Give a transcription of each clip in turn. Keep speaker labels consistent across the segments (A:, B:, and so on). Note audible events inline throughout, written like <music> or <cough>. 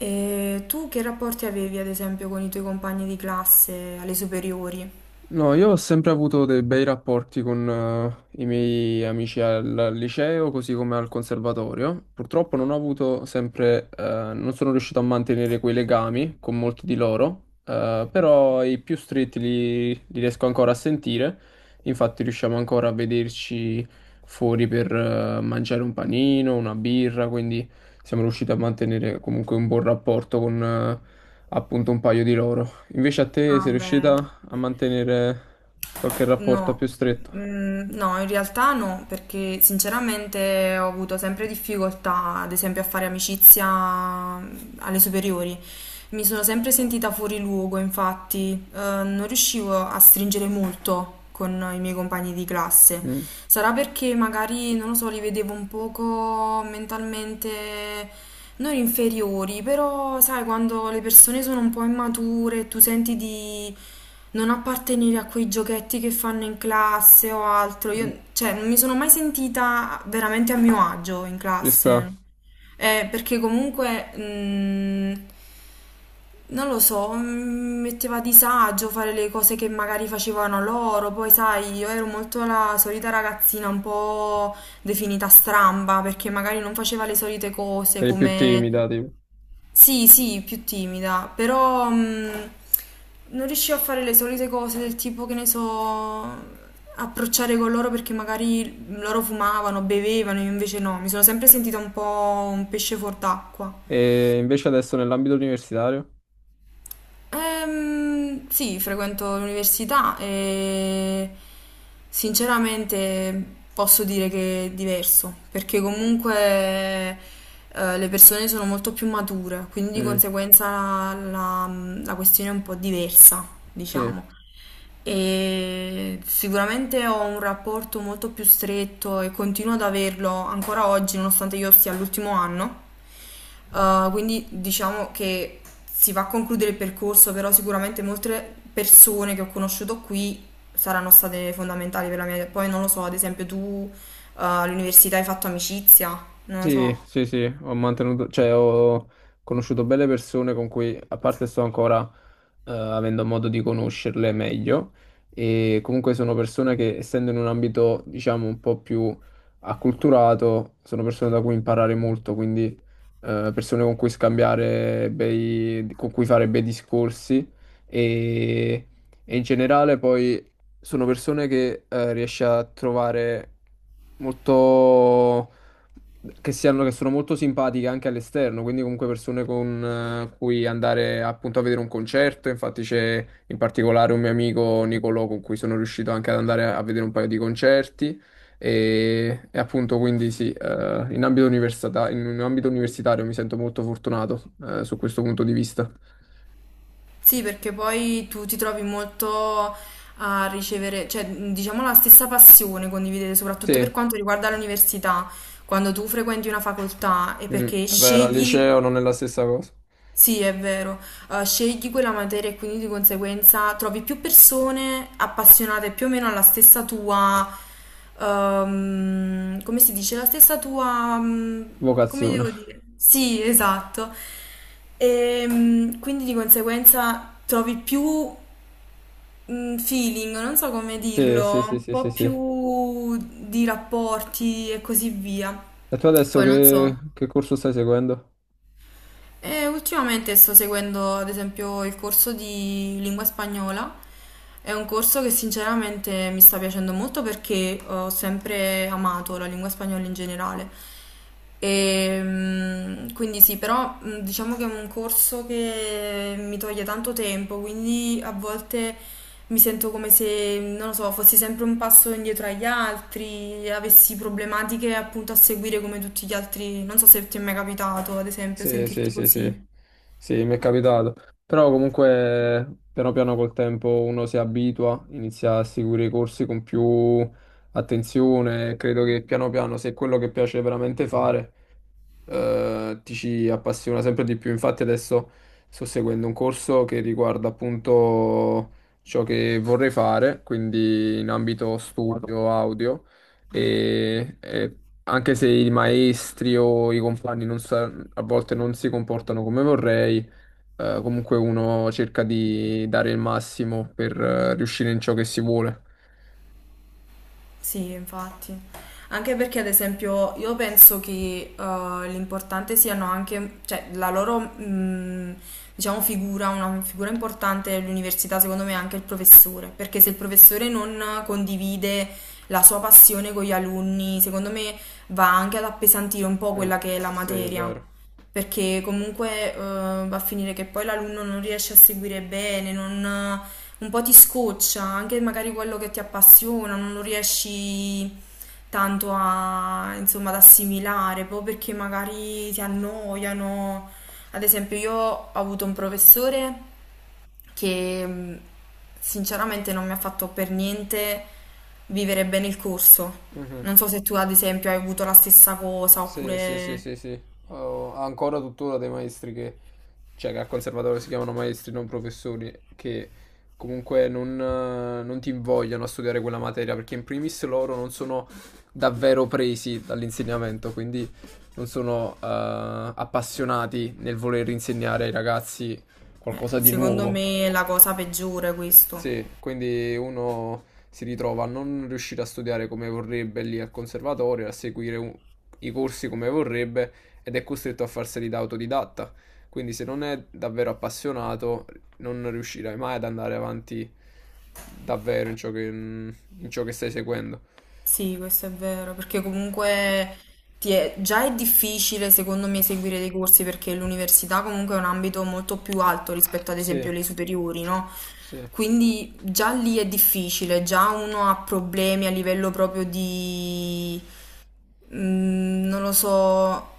A: E tu che rapporti avevi, ad esempio, con i tuoi compagni di classe alle superiori?
B: No, io ho sempre avuto dei bei rapporti con i miei amici al liceo, così come al conservatorio. Purtroppo non ho avuto sempre, non sono riuscito a mantenere quei legami con molti di loro, però i più stretti li riesco ancora a sentire. Infatti riusciamo ancora a vederci fuori per mangiare un panino, una birra, quindi siamo riusciti a mantenere comunque un buon rapporto con appunto un paio di loro. Invece a te
A: Ah,
B: sei
A: beh.
B: riuscita a mantenere qualche rapporto
A: No,
B: più stretto.
A: No, in realtà no, perché sinceramente ho avuto sempre difficoltà, ad esempio, a fare amicizia alle superiori. Mi sono sempre sentita fuori luogo, infatti, non riuscivo a stringere molto con i miei compagni di classe.
B: Mm.
A: Sarà perché magari, non lo so, li vedevo un poco mentalmente non inferiori, però sai, quando le persone sono un po' immature, tu senti di non appartenere a quei giochetti che fanno in classe o altro, io, cioè, non mi sono mai sentita veramente a mio agio in
B: Ci sta,
A: classe. Perché comunque, non lo so, mi metteva a disagio fare le cose che magari facevano loro, poi sai, io ero molto la solita ragazzina un po' definita stramba, perché magari non faceva le solite cose
B: eri più
A: come...
B: timida, tipo.
A: Sì, sì, più timida, però non riuscivo a fare le solite cose del tipo che ne so, approcciare con loro perché magari loro fumavano, bevevano, io invece no, mi sono sempre sentita un po' un pesce fuor d'acqua.
B: E invece adesso nell'ambito universitario?
A: Sì, frequento l'università e sinceramente posso dire che è diverso, perché comunque le persone sono molto più mature, quindi di
B: Mm.
A: conseguenza la questione è un po' diversa,
B: Sì.
A: diciamo. E sicuramente ho un rapporto molto più stretto e continuo ad averlo ancora oggi, nonostante io sia all'ultimo anno. Quindi diciamo che si va a concludere il percorso, però sicuramente molte persone che ho conosciuto qui saranno state fondamentali per la mia... Poi non lo so, ad esempio tu all'università hai fatto amicizia, non lo
B: Sì,
A: so.
B: sì, sì, ho mantenuto, cioè ho conosciuto belle persone con cui, a parte sto ancora avendo modo di conoscerle meglio, e comunque sono persone che, essendo in un ambito, diciamo, un po' più acculturato, sono persone da cui imparare molto, quindi persone con cui scambiare bei, con cui fare bei discorsi e, e in generale poi sono persone che riesci a trovare molto che, siano, che sono molto simpatiche anche all'esterno, quindi comunque persone con cui andare appunto a vedere un concerto. Infatti c'è in particolare un mio amico Nicolò con cui sono riuscito anche ad andare a vedere un paio di concerti. E appunto quindi sì, in ambito in un ambito universitario mi sento molto fortunato su questo punto di vista.
A: Sì, perché poi tu ti trovi molto a ricevere, cioè diciamo la stessa passione condividete, soprattutto
B: Sì,
A: per quanto riguarda l'università, quando tu frequenti una facoltà e
B: mm,
A: perché
B: è vero, al
A: scegli.
B: liceo non è la stessa cosa.
A: Sì, è vero. Scegli quella materia e quindi di conseguenza trovi più persone appassionate più o meno alla stessa tua, come si dice, la stessa tua, come
B: Vocazione.
A: devo dire? Sì, esatto. Quindi di conseguenza trovi più feeling, non so come
B: Sì, sì,
A: dirlo,
B: sì,
A: un
B: sì, sì,
A: po'
B: sì. E
A: più di rapporti e così via.
B: tu adesso
A: Poi non
B: che
A: so.
B: che corso stai seguendo?
A: E ultimamente sto seguendo ad esempio il corso di lingua spagnola, è un corso che sinceramente mi sta piacendo molto perché ho sempre amato la lingua spagnola in generale. Quindi sì, però diciamo che è un corso che mi toglie tanto tempo, quindi a volte mi sento come se, non lo so, fossi sempre un passo indietro agli altri, avessi problematiche appunto a seguire come tutti gli altri. Non so se ti è mai capitato, ad esempio,
B: Sì, sì,
A: sentirti
B: sì,
A: così.
B: sì, sì, mi è capitato. Però comunque piano piano col tempo uno si abitua, inizia a seguire i corsi con più attenzione. Credo che piano piano, se è quello che piace veramente fare, ti ci appassiona sempre di più. Infatti adesso sto seguendo un corso che riguarda appunto ciò che vorrei fare, quindi in ambito studio audio, e anche se i maestri o i compagni non sa- a volte non si comportano come vorrei, comunque uno cerca di dare il massimo per riuscire in ciò che si vuole.
A: Sì, infatti. Anche perché, ad esempio, io penso che l'importante siano anche, cioè, la loro, diciamo, figura, una figura importante dell'università, secondo me, è anche il professore. Perché se il professore non condivide la sua passione con gli alunni, secondo me va anche ad appesantire un po'
B: Mm.
A: quella che è la
B: Sì, è
A: materia.
B: vero.
A: Perché comunque va a finire che poi l'alunno non riesce a seguire bene, non un po' ti scoccia, anche magari quello che ti appassiona, non lo riesci tanto a, insomma, ad assimilare, proprio perché magari ti annoiano. Ad esempio, io ho avuto un professore che, sinceramente non mi ha fatto per niente vivere bene il corso.
B: Mhm.
A: Non so se tu, ad esempio, hai avuto la stessa cosa,
B: Sì, sì, sì,
A: oppure
B: sì, sì. Ho ancora tuttora dei maestri che, cioè che al conservatorio si chiamano maestri, non professori, che comunque non, non ti invogliano a studiare quella materia, perché in primis loro non sono davvero presi dall'insegnamento, quindi non sono appassionati nel voler insegnare ai ragazzi qualcosa di
A: secondo
B: nuovo.
A: me è la cosa peggiore questo.
B: Sì, quindi uno si ritrova a non riuscire a studiare come vorrebbe lì al conservatorio, a seguire i corsi come vorrebbe ed è costretto a farseli da autodidatta. Quindi se non è davvero appassionato, non riuscirai mai ad andare avanti davvero in ciò che stai seguendo.
A: Sì, questo è vero, perché comunque ti è- già è difficile secondo me seguire dei corsi perché l'università comunque è un ambito molto più alto rispetto ad
B: Sì,
A: esempio alle superiori, no?
B: sì.
A: Quindi già lì è difficile, già uno ha problemi a livello proprio di non lo so,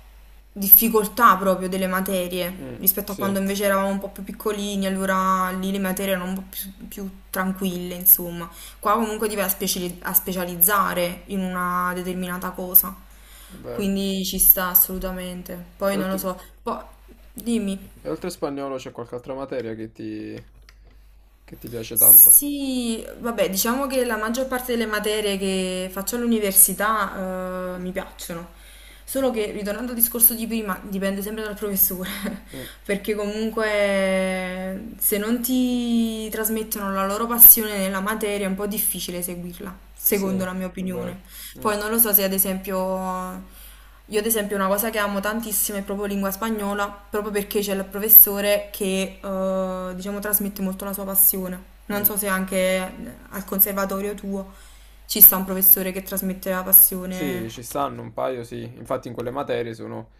A: difficoltà proprio delle materie,
B: Mm,
A: rispetto a
B: sì, è
A: quando invece eravamo un po' più piccolini, allora lì le materie erano un po' più, più tranquille, insomma. Qua comunque ti vai a speciali- a specializzare in una determinata cosa,
B: vero.
A: quindi ci sta assolutamente. Poi
B: E
A: non lo
B: oltre,
A: so, poi dimmi.
B: e oltre spagnolo c'è qualche altra materia che ti piace tanto?
A: Sì, vabbè, diciamo che la maggior parte delle materie che faccio all'università, mi piacciono. Solo che, ritornando al discorso di prima, dipende sempre dal professore,
B: Mm.
A: <laughs> perché comunque se non ti trasmettono la loro passione nella materia è un po' difficile seguirla,
B: Sì,
A: secondo
B: è
A: la mia
B: vero.
A: opinione.
B: Mm,
A: Poi non lo so se ad esempio io ad esempio una cosa che amo tantissimo è proprio lingua spagnola, proprio perché c'è il professore che diciamo trasmette molto la sua passione. Non
B: mm.
A: so se anche al conservatorio tuo ci sta un professore che trasmette la
B: Sì,
A: passione.
B: ci stanno un paio, sì. Infatti in quelle materie sono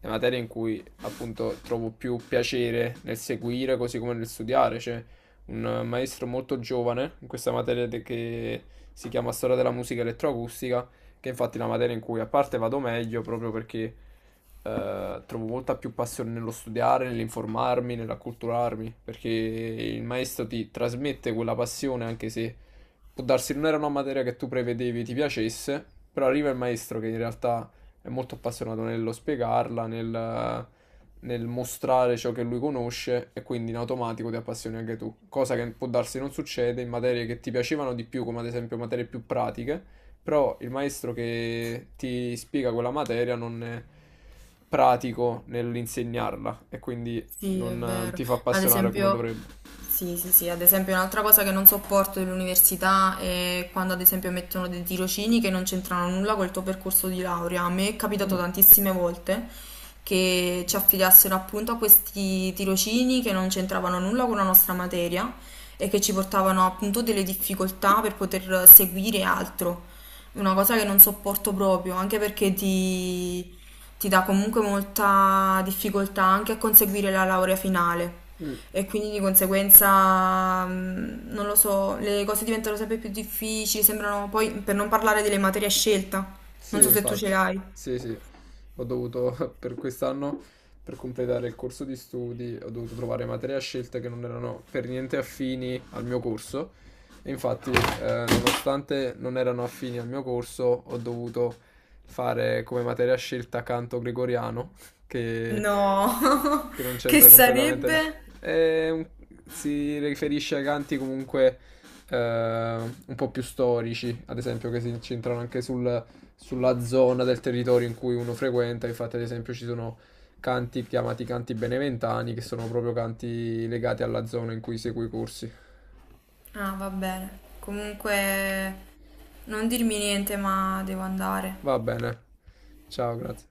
B: le materie in cui appunto trovo più piacere nel seguire, così come nel studiare. C'è un maestro molto giovane in questa che si chiama Storia della musica elettroacustica, che è infatti è la materia in cui a parte vado meglio proprio perché trovo molta più passione nello studiare, nell'informarmi, nell'acculturarmi, perché il maestro ti trasmette quella passione anche se può darsi non era una materia che tu prevedevi ti piacesse, però arriva il maestro che in realtà è molto appassionato nello spiegarla, nel, nel mostrare ciò che lui conosce e quindi in automatico ti appassioni anche tu, cosa che può darsi non succede in materie che ti piacevano di più, come ad esempio materie più pratiche, però il maestro che ti spiega quella materia non è pratico nell'insegnarla e quindi
A: Sì, è
B: non
A: vero.
B: ti fa
A: Ad
B: appassionare come
A: esempio,
B: dovrebbe.
A: sì, sì, sì, ad esempio un'altra cosa che non sopporto dell'università è quando ad esempio mettono dei tirocini che non c'entrano nulla col tuo percorso di laurea. A me è capitato
B: Mm.
A: tantissime volte che ci affidassero appunto a questi tirocini che non c'entravano nulla con la nostra materia e che ci portavano appunto delle difficoltà per poter seguire altro. Una cosa che non sopporto proprio, anche perché ti ti dà comunque molta difficoltà anche a conseguire la laurea finale
B: Mm.
A: e quindi di conseguenza, non lo so, le cose diventano sempre più difficili, sembrano poi, per non parlare delle materie a scelta, non
B: Sì,
A: so se tu
B: infatti,
A: ce l'hai.
B: sì, sì, ho dovuto <laughs> per quest'anno, per completare il corso di studi, ho dovuto trovare materie a scelta che non erano per niente affini al mio corso e infatti, nonostante non erano affini al mio corso, ho dovuto fare come materia a scelta canto gregoriano, <laughs> che,
A: No,
B: che non
A: <laughs> che
B: c'entra completamente.
A: sarebbe?
B: È un- si riferisce ai canti comunque un po' più storici, ad esempio, che si incentrano anche sul sulla zona del territorio in cui uno frequenta. Infatti, ad esempio, ci sono canti chiamati canti beneventani, che sono proprio canti legati alla zona in cui segui i corsi.
A: Ah, va bene. Comunque, non dirmi niente, ma devo andare.
B: Va bene. Ciao, grazie.